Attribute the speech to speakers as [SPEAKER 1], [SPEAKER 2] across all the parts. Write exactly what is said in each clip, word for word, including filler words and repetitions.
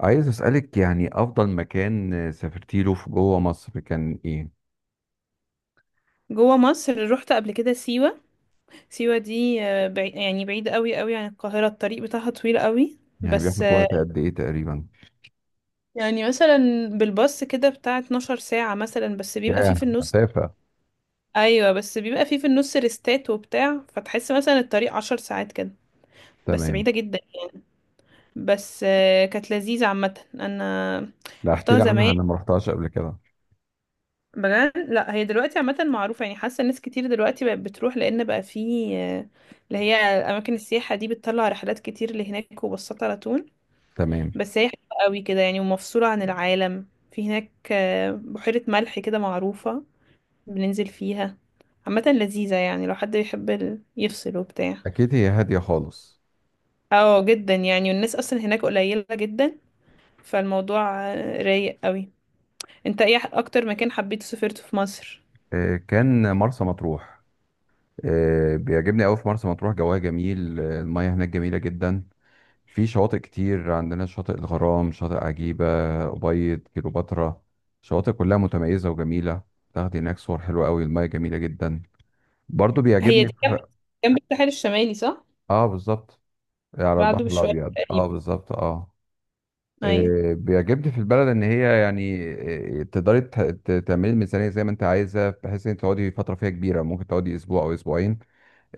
[SPEAKER 1] عايز أسألك يعني أفضل مكان سافرتي له في جوه مصر كان إيه؟
[SPEAKER 2] جوه مصر رحت قبل كده سيوة. سيوة دي آه، بعي... يعني بعيدة قوي قوي عن القاهرة، الطريق بتاعها طويل قوي.
[SPEAKER 1] يعني
[SPEAKER 2] بس
[SPEAKER 1] بياخد
[SPEAKER 2] آه،
[SPEAKER 1] وقت قد إيه تقريبا؟
[SPEAKER 2] يعني مثلا بالباص كده بتاع 12 ساعة، مثلا بس بيبقى فيه في
[SPEAKER 1] ياه
[SPEAKER 2] النص.
[SPEAKER 1] مسافة.
[SPEAKER 2] ايوه، بس بيبقى فيه في النص ريستات وبتاع، فتحس مثلا الطريق 10 ساعات كده. بس
[SPEAKER 1] تمام.
[SPEAKER 2] بعيدة جدا. بس آه، كانت لذيذة عامة، انا
[SPEAKER 1] لا، احكي
[SPEAKER 2] رحتها
[SPEAKER 1] لي عنها،
[SPEAKER 2] زمان
[SPEAKER 1] أنا ما رحتهاش قبل كده.
[SPEAKER 2] بجد. لا، هي دلوقتي عامة معروفة، يعني حاسة ناس كتير دلوقتي بقت بتروح لأن بقى في آه، اللي هي أماكن السياحة دي بتطلع رحلات كتير لهناك وبسطة على طول.
[SPEAKER 1] تمام.
[SPEAKER 2] بس هي حلوة قوي كده يعني، ومفصولة عن العالم. في هناك آه، بحيرة ملح كده معروفة بننزل فيها. عامة لذيذة، يعني لو حد بيحب ال- يفصل وبتاع.
[SPEAKER 1] أكيد هي هادية خالص.
[SPEAKER 2] اه جدا، يعني والناس أصلا هناك قليلة جدا، فالموضوع آه، رايق قوي. انت ايه أكتر مكان حبيت سافرته في مصر؟
[SPEAKER 1] آه، كان مرسى مطروح. آه، بيعجبني أوي في مرسى مطروح، جواها جميل. آه، المياه هناك جميلة جدا. في شواطئ كتير عندنا، شاطئ الغرام، شاطئ عجيبة، أبيض، كيلوباترا. شواطئ كلها متميزة وجميلة. تاخدي هناك صور حلوة أوي، المياه جميلة جدا. برضو
[SPEAKER 2] هي
[SPEAKER 1] بيعجبني.
[SPEAKER 2] دي جنب، جنب الساحل الشمالي صح؟
[SPEAKER 1] اه بالظبط، على
[SPEAKER 2] بعده
[SPEAKER 1] البحر
[SPEAKER 2] بشوية
[SPEAKER 1] الابيض، اه
[SPEAKER 2] تقريبا.
[SPEAKER 1] بالظبط اه.
[SPEAKER 2] أيوة.
[SPEAKER 1] إيه بيعجبني في البلد ان هي، يعني إيه، تقدري ت- ت- تعملي الميزانيه زي ما انت عايزه، بحيث ان انت تقعدي فتره فيها كبيره، ممكن تقعدي اسبوع او اسبوعين.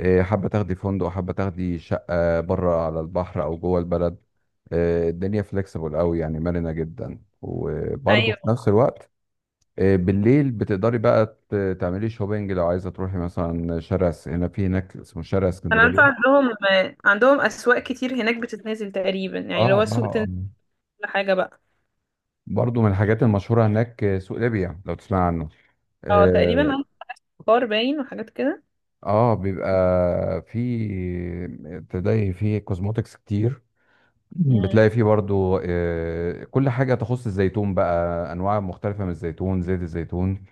[SPEAKER 1] إيه حابه تاخدي فندق، حابه تاخدي شقه بره على البحر او جوه البلد. إيه الدنيا فليكسيبل قوي، يعني مرنه جدا، وبرضه في
[SPEAKER 2] أيوة،
[SPEAKER 1] نفس الوقت إيه بالليل بتقدري بقى ت- تعملي شوبينج لو عايزه تروحي مثلا شارع اس- هنا، في هناك اسمه شارع
[SPEAKER 2] أنا عارفة
[SPEAKER 1] اسكندريه.
[SPEAKER 2] عندهم، عندهم أسواق كتير هناك بتتنازل تقريبا
[SPEAKER 1] اه
[SPEAKER 2] يعني، اللي هو سوق
[SPEAKER 1] اه
[SPEAKER 2] تنزل
[SPEAKER 1] اه.
[SPEAKER 2] كل حاجة بقى.
[SPEAKER 1] برضو من الحاجات المشهورة هناك آه، سوق ليبيا، لو تسمع عنه.
[SPEAKER 2] اه تقريبا
[SPEAKER 1] اه.
[SPEAKER 2] عندهم بخار باين وحاجات كده.
[SPEAKER 1] آه، بيبقى في، تلاقي فيه كوزموتكس كتير،
[SPEAKER 2] مم.
[SPEAKER 1] بتلاقي فيه برضو آه، كل حاجة تخص الزيتون بقى، أنواع مختلفة من الزيتون، زيت الزيتون،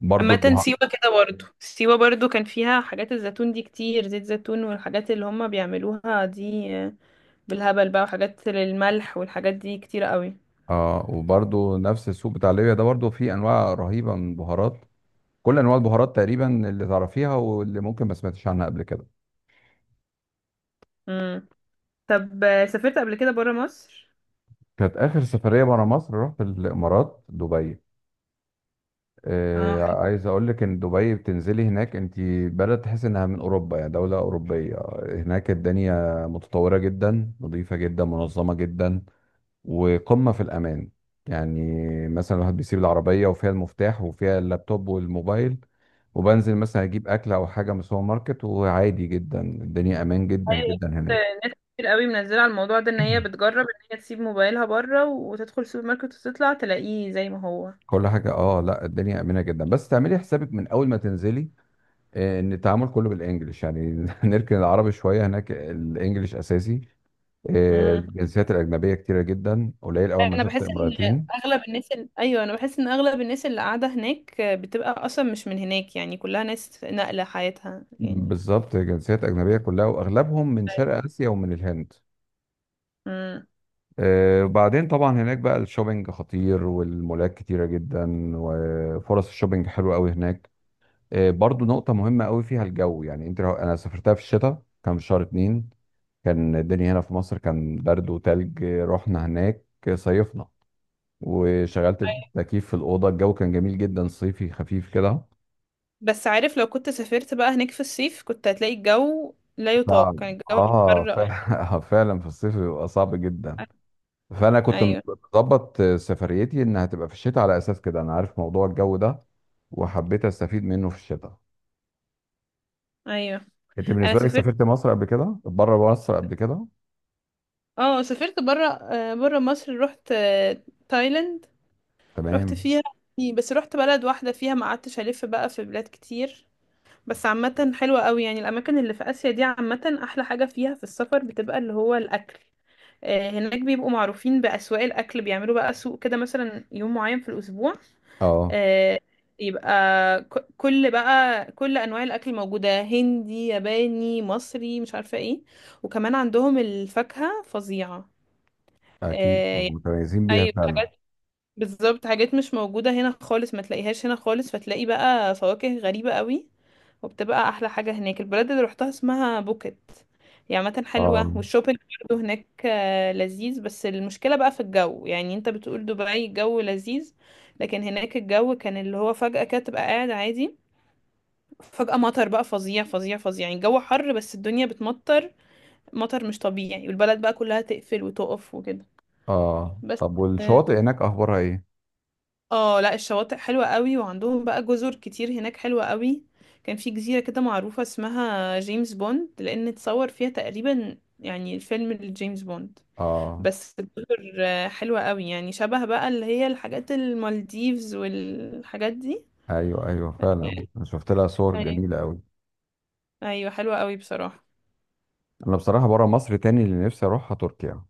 [SPEAKER 1] برضو
[SPEAKER 2] عامة
[SPEAKER 1] البهار.
[SPEAKER 2] سيوة كده، برضو سيوة برضو كان فيها حاجات الزيتون دي كتير، زيت زيتون والحاجات اللي هما بيعملوها دي بالهبل بقى، وحاجات للملح والحاجات دي كتير قوي.
[SPEAKER 1] اه، وبرضو نفس السوق بتاع ليبيا ده برضو فيه أنواع رهيبة من البهارات، كل أنواع البهارات تقريبا اللي تعرفيها، واللي ممكن ما سمعتش عنها قبل كده.
[SPEAKER 2] مم. طب، سافرت قبل كده برا مصر؟
[SPEAKER 1] كانت آخر سفرية برا مصر، رحت الإمارات، دبي.
[SPEAKER 2] اه.
[SPEAKER 1] آه، عايز اقول لك ان دبي بتنزلي هناك انت بلد تحس انها من اوروبا، يعني دولة اوروبية. هناك الدنيا متطورة جدا، نظيفة جدا، منظمة جدا، وقمة في الامان. يعني مثلا الواحد بيسيب العربية وفيها المفتاح وفيها اللابتوب والموبايل، وبنزل مثلا اجيب اكل او حاجة من السوبر ماركت، وعادي جدا، الدنيا امان جدا
[SPEAKER 2] ايوه
[SPEAKER 1] جدا
[SPEAKER 2] شفت
[SPEAKER 1] هناك.
[SPEAKER 2] ناس كتير قوي منزله على الموضوع ده ان هي بتجرب ان هي تسيب موبايلها بره وتدخل السوبر ماركت وتطلع تلاقيه زي ما هو.
[SPEAKER 1] كل حاجة، اه لا، الدنيا امنة جدا، بس تعملي حسابك من اول ما تنزلي آه، ان التعامل كله بالانجلش، يعني نركن العربي شويه، هناك الانجليش اساسي. آه،
[SPEAKER 2] امم
[SPEAKER 1] الجنسيات الاجنبيه كتيره جدا، قليل اول ما
[SPEAKER 2] انا
[SPEAKER 1] شفت
[SPEAKER 2] بحس ان
[SPEAKER 1] امرأتين.
[SPEAKER 2] اغلب الناس ال... ايوه انا بحس ان اغلب الناس اللي قاعده هناك بتبقى اصلا مش من هناك، يعني كلها ناس نقله حياتها يعني.
[SPEAKER 1] بالظبط، جنسيات اجنبيه كلها، واغلبهم من شرق اسيا ومن الهند.
[SPEAKER 2] امم
[SPEAKER 1] آه، وبعدين طبعا هناك بقى الشوبينج خطير، والمولات كتيره جدا، وفرص الشوبينج حلوه قوي هناك. آه، برضو نقطه مهمه قوي فيها الجو، يعني انت لو، انا سافرتها في الشتاء كان في شهر اتنين، كان الدنيا هنا في مصر كان برد وتلج. آه، رحنا هناك صيفنا، وشغلت التكييف في الأوضة، الجو كان جميل جدا، صيفي خفيف كده.
[SPEAKER 2] بس عارف، لو كنت سافرت بقى هناك في الصيف كنت هتلاقي الجو لا يطاق.
[SPEAKER 1] صعب.
[SPEAKER 2] كان الجو
[SPEAKER 1] اه
[SPEAKER 2] حر.
[SPEAKER 1] فع- آه، فعلا في الصيف بيبقى صعب جدا. فأنا كنت
[SPEAKER 2] ايوه،
[SPEAKER 1] مظبط سفريتي إنها هتبقى في الشتاء، على أساس كده أنا عارف موضوع الجو ده، وحبيت أستفيد منه في الشتاء.
[SPEAKER 2] ايوه.
[SPEAKER 1] أنت
[SPEAKER 2] انا
[SPEAKER 1] بالنسبة لك
[SPEAKER 2] سافرت
[SPEAKER 1] سافرت مصر قبل كده؟ بره مصر قبل كده؟
[SPEAKER 2] اه سافرت بره آه، بره مصر رحت آه، تايلاند، رحت
[SPEAKER 1] تمام.
[SPEAKER 2] فيها يعني، بس رحت بلد واحدة فيها ما قعدتش ألف بقى في بلاد كتير. بس عامة حلوة قوي يعني، الأماكن اللي في آسيا دي عامة أحلى حاجة فيها في السفر بتبقى اللي هو الأكل. آه، هناك بيبقوا معروفين بأسواق الأكل، بيعملوا بقى سوق كده مثلا يوم معين في الأسبوع.
[SPEAKER 1] اه،
[SPEAKER 2] آه، يبقى ك- كل بقى كل أنواع الأكل موجودة، هندي ياباني مصري مش عارفة ايه. وكمان عندهم الفاكهة فظيعة.
[SPEAKER 1] أكيد
[SPEAKER 2] آه،
[SPEAKER 1] متميزين بيها
[SPEAKER 2] أيوة
[SPEAKER 1] فعلا.
[SPEAKER 2] بالظبط، حاجات مش موجودة هنا خالص، ما تلاقيهاش هنا خالص، فتلاقي بقى فواكه غريبة قوي. وبتبقى أحلى حاجة هناك. البلد اللي روحتها اسمها بوكيت، هي عامة
[SPEAKER 1] اه
[SPEAKER 2] حلوة. والشوبينج برضه هناك آه، لذيذ. بس المشكلة بقى في الجو، يعني انت بتقول دبي الجو لذيذ لكن هناك الجو كان اللي هو فجأة كده تبقى قاعد عادي، فجأة مطر بقى فظيع فظيع فظيع، يعني الجو حر بس الدنيا بتمطر. مطر مش طبيعي، والبلد بقى كلها تقفل وتقف وكده.
[SPEAKER 1] اه.
[SPEAKER 2] بس،
[SPEAKER 1] طب والشواطئ هناك أخبارها إيه؟
[SPEAKER 2] اه لا الشواطئ حلوة قوي، وعندهم بقى جزر كتير هناك حلوة قوي. كان في جزيرة كده معروفة اسمها جيمس بوند، لأن اتصور فيها تقريبا يعني الفيلم لجيمس بوند.
[SPEAKER 1] اه،
[SPEAKER 2] بس الجزر آه، حلوة قوي، يعني شبه بقى اللي هي الحاجات المالديفز والحاجات دي.
[SPEAKER 1] ايوه ايوه، فعلا أنا شفت لها صور
[SPEAKER 2] أيوة،
[SPEAKER 1] جميله قوي.
[SPEAKER 2] أيوة حلوة قوي بصراحة.
[SPEAKER 1] انا بصراحه، بره مصر تاني اللي نفسي اروحها تركيا.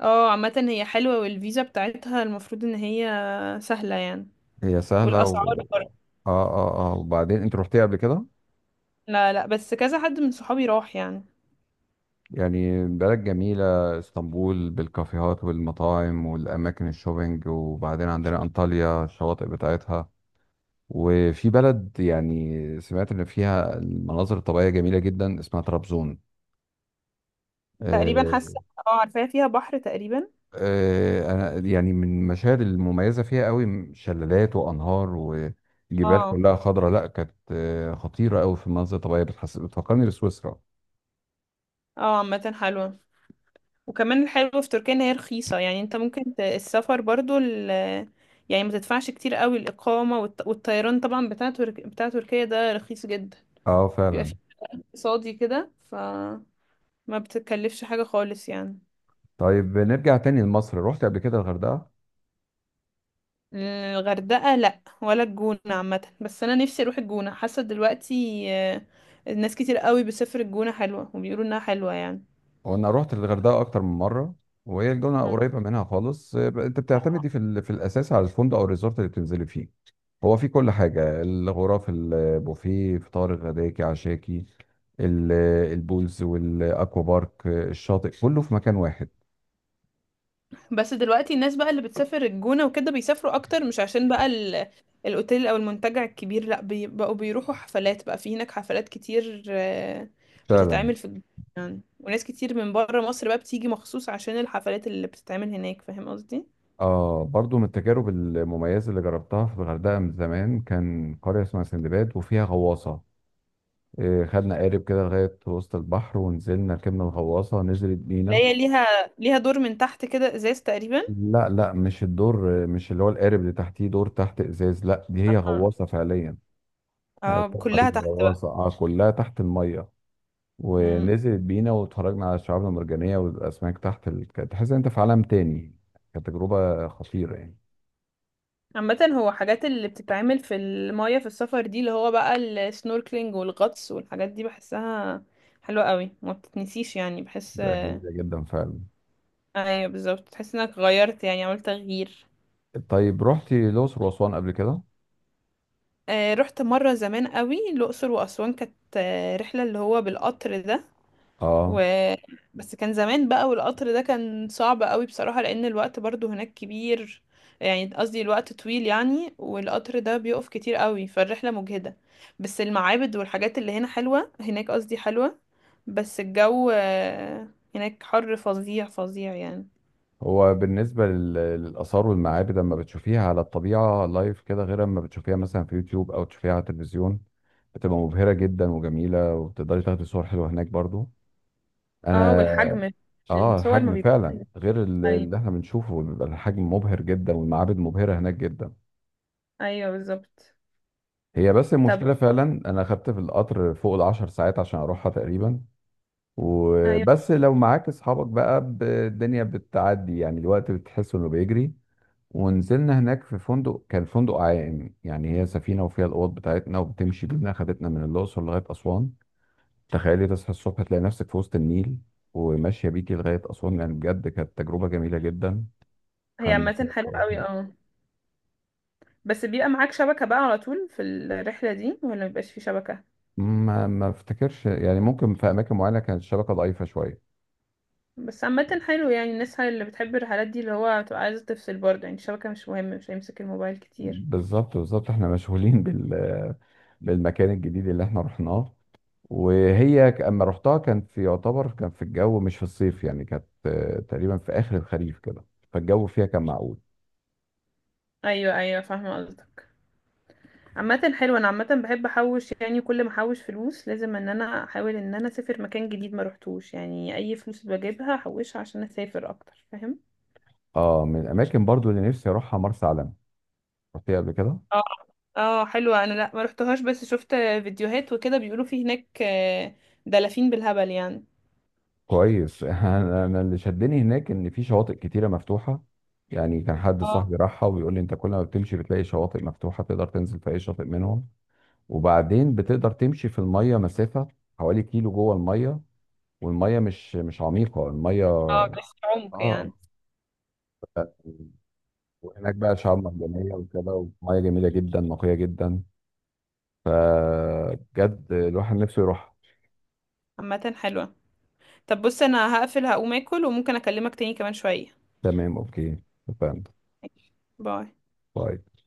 [SPEAKER 2] اه عامة هي حلوة، والفيزا بتاعتها المفروض ان هي سهلة يعني.
[SPEAKER 1] هي سهله
[SPEAKER 2] والأسعار
[SPEAKER 1] و... اه.
[SPEAKER 2] برضه.
[SPEAKER 1] اه اه، وبعدين انت رحتيها قبل كده؟
[SPEAKER 2] لا، لا، بس كذا حد من صحابي راح يعني.
[SPEAKER 1] يعني بلد جميله، اسطنبول بالكافيهات والمطاعم والاماكن الشوبينج، وبعدين عندنا انطاليا الشواطئ بتاعتها. وفي بلد يعني سمعت ان فيها المناظر الطبيعيه جميله جدا، اسمها طرابزون.
[SPEAKER 2] تقريبا
[SPEAKER 1] آه،
[SPEAKER 2] حاسة، اه عارفاها فيها بحر تقريبا.
[SPEAKER 1] آه، انا يعني من المشاهد المميزه فيها قوي شلالات وانهار وجبال
[SPEAKER 2] اه،
[SPEAKER 1] كلها خضراء، لا كانت آه، خطيره قوي في المناظر الطبيعيه، بتحس بتفكرني بسويسرا.
[SPEAKER 2] اه عامة حلوة. وكمان الحلو في تركيا ان هي رخيصة، يعني انت ممكن ت- السفر برضو ال، يعني ما تدفعش كتير قوي الإقامة والط- والطيران طبعا بتاع ترك... بتاع تركيا ده رخيص جدا،
[SPEAKER 1] اه
[SPEAKER 2] بيبقى
[SPEAKER 1] فعلا.
[SPEAKER 2] فيه اقتصادي كده، فما بتكلفش حاجة خالص يعني.
[SPEAKER 1] طيب نرجع تاني لمصر، رحت قبل كده الغردقه؟
[SPEAKER 2] الغردقة، لا ولا الجونة عامة، بس انا نفسي اروح الجونة، حاسة دلوقتي آه، الناس كتير قوي بتسافر الجونة، حلوة وبيقولوا انها حلوة يعني.
[SPEAKER 1] وانا رحت الغردقه اكتر من مره، وهي الجونه
[SPEAKER 2] مم.
[SPEAKER 1] قريبه منها خالص. آه، انت بتعتمدي في ال- في الاساس على الفندق او الريزورت اللي بتنزلي فيه. هو في كل حاجه، الغرف، البوفيه، فطار غداكي عشاكي، ال- البولز والاكوا بارك. آه، الشاطئ كله في مكان واحد.
[SPEAKER 2] بس دلوقتي الناس بقى اللي بتسافر الجونة وكده بيسافروا اكتر مش عشان بقى ال... الاوتيل او المنتجع الكبير، لا، بي... بقوا بيروحوا حفلات بقى في هناك، حفلات كتير آه،
[SPEAKER 1] فعلا.
[SPEAKER 2] بتتعمل في الجونة يعني، وناس كتير من بره مصر بقى بتيجي مخصوص عشان الحفلات اللي بتتعمل هناك، فاهم قصدي.
[SPEAKER 1] اه، برضو من التجارب المميزه اللي جربتها في الغردقه من زمان كان قريه اسمها سندباد وفيها غواصه. آه، خدنا قارب كده لغايه وسط البحر، ونزلنا ركبنا الغواصه، نزلت
[SPEAKER 2] اللي
[SPEAKER 1] بينا.
[SPEAKER 2] هي ليها، ليها دور من تحت كده ازاز تقريبا.
[SPEAKER 1] لا لا، مش الدور، مش اللي هو القارب اللي تحتيه دور تحت ازاز، لا دي هي
[SPEAKER 2] اه
[SPEAKER 1] غواصه فعليا. آه،
[SPEAKER 2] آه، كلها
[SPEAKER 1] سبمارين،
[SPEAKER 2] تحت
[SPEAKER 1] غواصه،
[SPEAKER 2] بقى.
[SPEAKER 1] اه كلها تحت الميه،
[SPEAKER 2] مم.
[SPEAKER 1] ونزلت بينا، واتفرجنا على الشعاب المرجانيه والاسماك تحت ال... كانت تحس ان انت في عالم تاني. كانت تجربه خطيره يعني.
[SPEAKER 2] عامة هو حاجات اللي بتتعمل في المية في السفر دي اللي هو بقى السنوركلينج والغطس والحاجات دي، بحسها حلوة قوي ما بتتنسيش يعني بحس.
[SPEAKER 1] ده جميله جدا فعلا.
[SPEAKER 2] ايوه بالظبط، تحس انك غيرت يعني عملت تغيير.
[SPEAKER 1] طيب رحتي الاقصر واسوان قبل كده؟
[SPEAKER 2] آه رحت مرة زمان قوي الأقصر وأسوان، كانت آه، رحلة اللي هو بالقطر ده، و
[SPEAKER 1] اه.
[SPEAKER 2] بس كان زمان بقى، والقطر ده كان صعب قوي بصراحة لأن الوقت برضو هناك كبير، يعني قصدي الوقت طويل يعني، والقطر ده بيقف كتير قوي فالرحلة مجهدة. بس المعابد والحاجات اللي هنا حلوة هناك، قصدي حلوة، بس الجو آه، هناك حر فظيع فظيع يعني.
[SPEAKER 1] هو بالنسبة لل- للآثار والمعابد، لما بتشوفيها على الطبيعة لايف كده، غير لما بتشوفيها مثلا في يوتيوب أو تشوفيها على التلفزيون، بتبقى مبهرة جدا وجميلة، وبتقدري تاخدي صور حلوة هناك برضو.
[SPEAKER 2] اه
[SPEAKER 1] أنا
[SPEAKER 2] والحجم.
[SPEAKER 1] آه
[SPEAKER 2] الصور ما
[SPEAKER 1] الحجم
[SPEAKER 2] بيبقاش.
[SPEAKER 1] فعلا غير ال-
[SPEAKER 2] ايوه،
[SPEAKER 1] اللي احنا بنشوفه، بيبقى الحجم مبهر جدا، والمعابد مبهرة هناك جدا.
[SPEAKER 2] ايوه بالظبط.
[SPEAKER 1] هي بس
[SPEAKER 2] طب،
[SPEAKER 1] المشكلة، فعلا أنا خدت في القطر فوق العشر ساعات عشان أروحها تقريبا.
[SPEAKER 2] ايوه
[SPEAKER 1] وبس لو معاك أصحابك بقى، ب- الدنيا بتعدي، يعني الوقت بتحس إنه بيجري. ونزلنا هناك في فندق، كان فندق عائم، يعني هي سفينة وفيها الأوض بتاعتنا وبتمشي بينا، خدتنا من الأقصر لغاية أسوان. تخيلي تصحى الصبح تلاقي نفسك في وسط النيل، وماشية بيكي لغاية أسوان، يعني بجد كانت تجربة جميلة جدا.
[SPEAKER 2] هي
[SPEAKER 1] خمس.
[SPEAKER 2] عامة حلوة قوي اه. بس بيبقى معاك شبكة بقى على طول في الرحلة دي ولا مبيبقاش في شبكة؟
[SPEAKER 1] ما ما افتكرش، يعني ممكن في أماكن معينة كانت الشبكة ضعيفة شوية.
[SPEAKER 2] بس عامة حلو يعني، الناس اللي بتحب الرحلات دي اللي هو تبقى عايزة تفصل برضه، يعني الشبكة مش مهم، مش هيمسك الموبايل كتير.
[SPEAKER 1] بالظبط بالظبط، احنا مشغولين بال بالمكان الجديد اللي احنا رحناه. وهي ك- اما رحتها كان في، يعتبر كان في الجو مش في الصيف، يعني كانت آه، تقريبا في اخر الخريف كده، فالجو فيها كان معقول.
[SPEAKER 2] ايوه، ايوه فاهمة قصدك. عامة حلو، انا عامة بحب احوش يعني، كل ما احوش فلوس لازم ان انا احاول ان انا اسافر مكان جديد ما روحتوش، يعني اي فلوس بجيبها احوشها عشان اسافر اكتر، فاهم.
[SPEAKER 1] اه، من الاماكن برضو اللي نفسي اروحها مرسى علم، رحتيها قبل كده؟
[SPEAKER 2] اه، اه حلوة، انا لا ما روحتهاش بس شفت فيديوهات وكده، بيقولوا في هناك آه، دلافين بالهبل يعني.
[SPEAKER 1] كويس انا أنا اللي شدني هناك ان في شواطئ كتيره مفتوحه، يعني كان حد
[SPEAKER 2] اه،
[SPEAKER 1] صاحبي راحها وبيقول لي انت كل ما بتمشي بتلاقي شواطئ مفتوحه، تقدر تنزل في اي شاطئ منهم. وبعدين بتقدر تمشي في الميه مسافه حوالي كيلو جوه الميه، والميه مش مش عميقه الميه.
[SPEAKER 2] اه بس عمق
[SPEAKER 1] اه.
[SPEAKER 2] يعني.
[SPEAKER 1] وهناك بقى شعاب مرجانية وكده، ومياه جميلة جدا، نقية جدا، فبجد الواحد نفسه يروح.
[SPEAKER 2] عامة حلوة. طب بص، انا هقفل هقوم اكل، وممكن اكلمك تاني كمان شوية.
[SPEAKER 1] تمام اوكي. فاهم.
[SPEAKER 2] ماشي. باي.
[SPEAKER 1] طيب.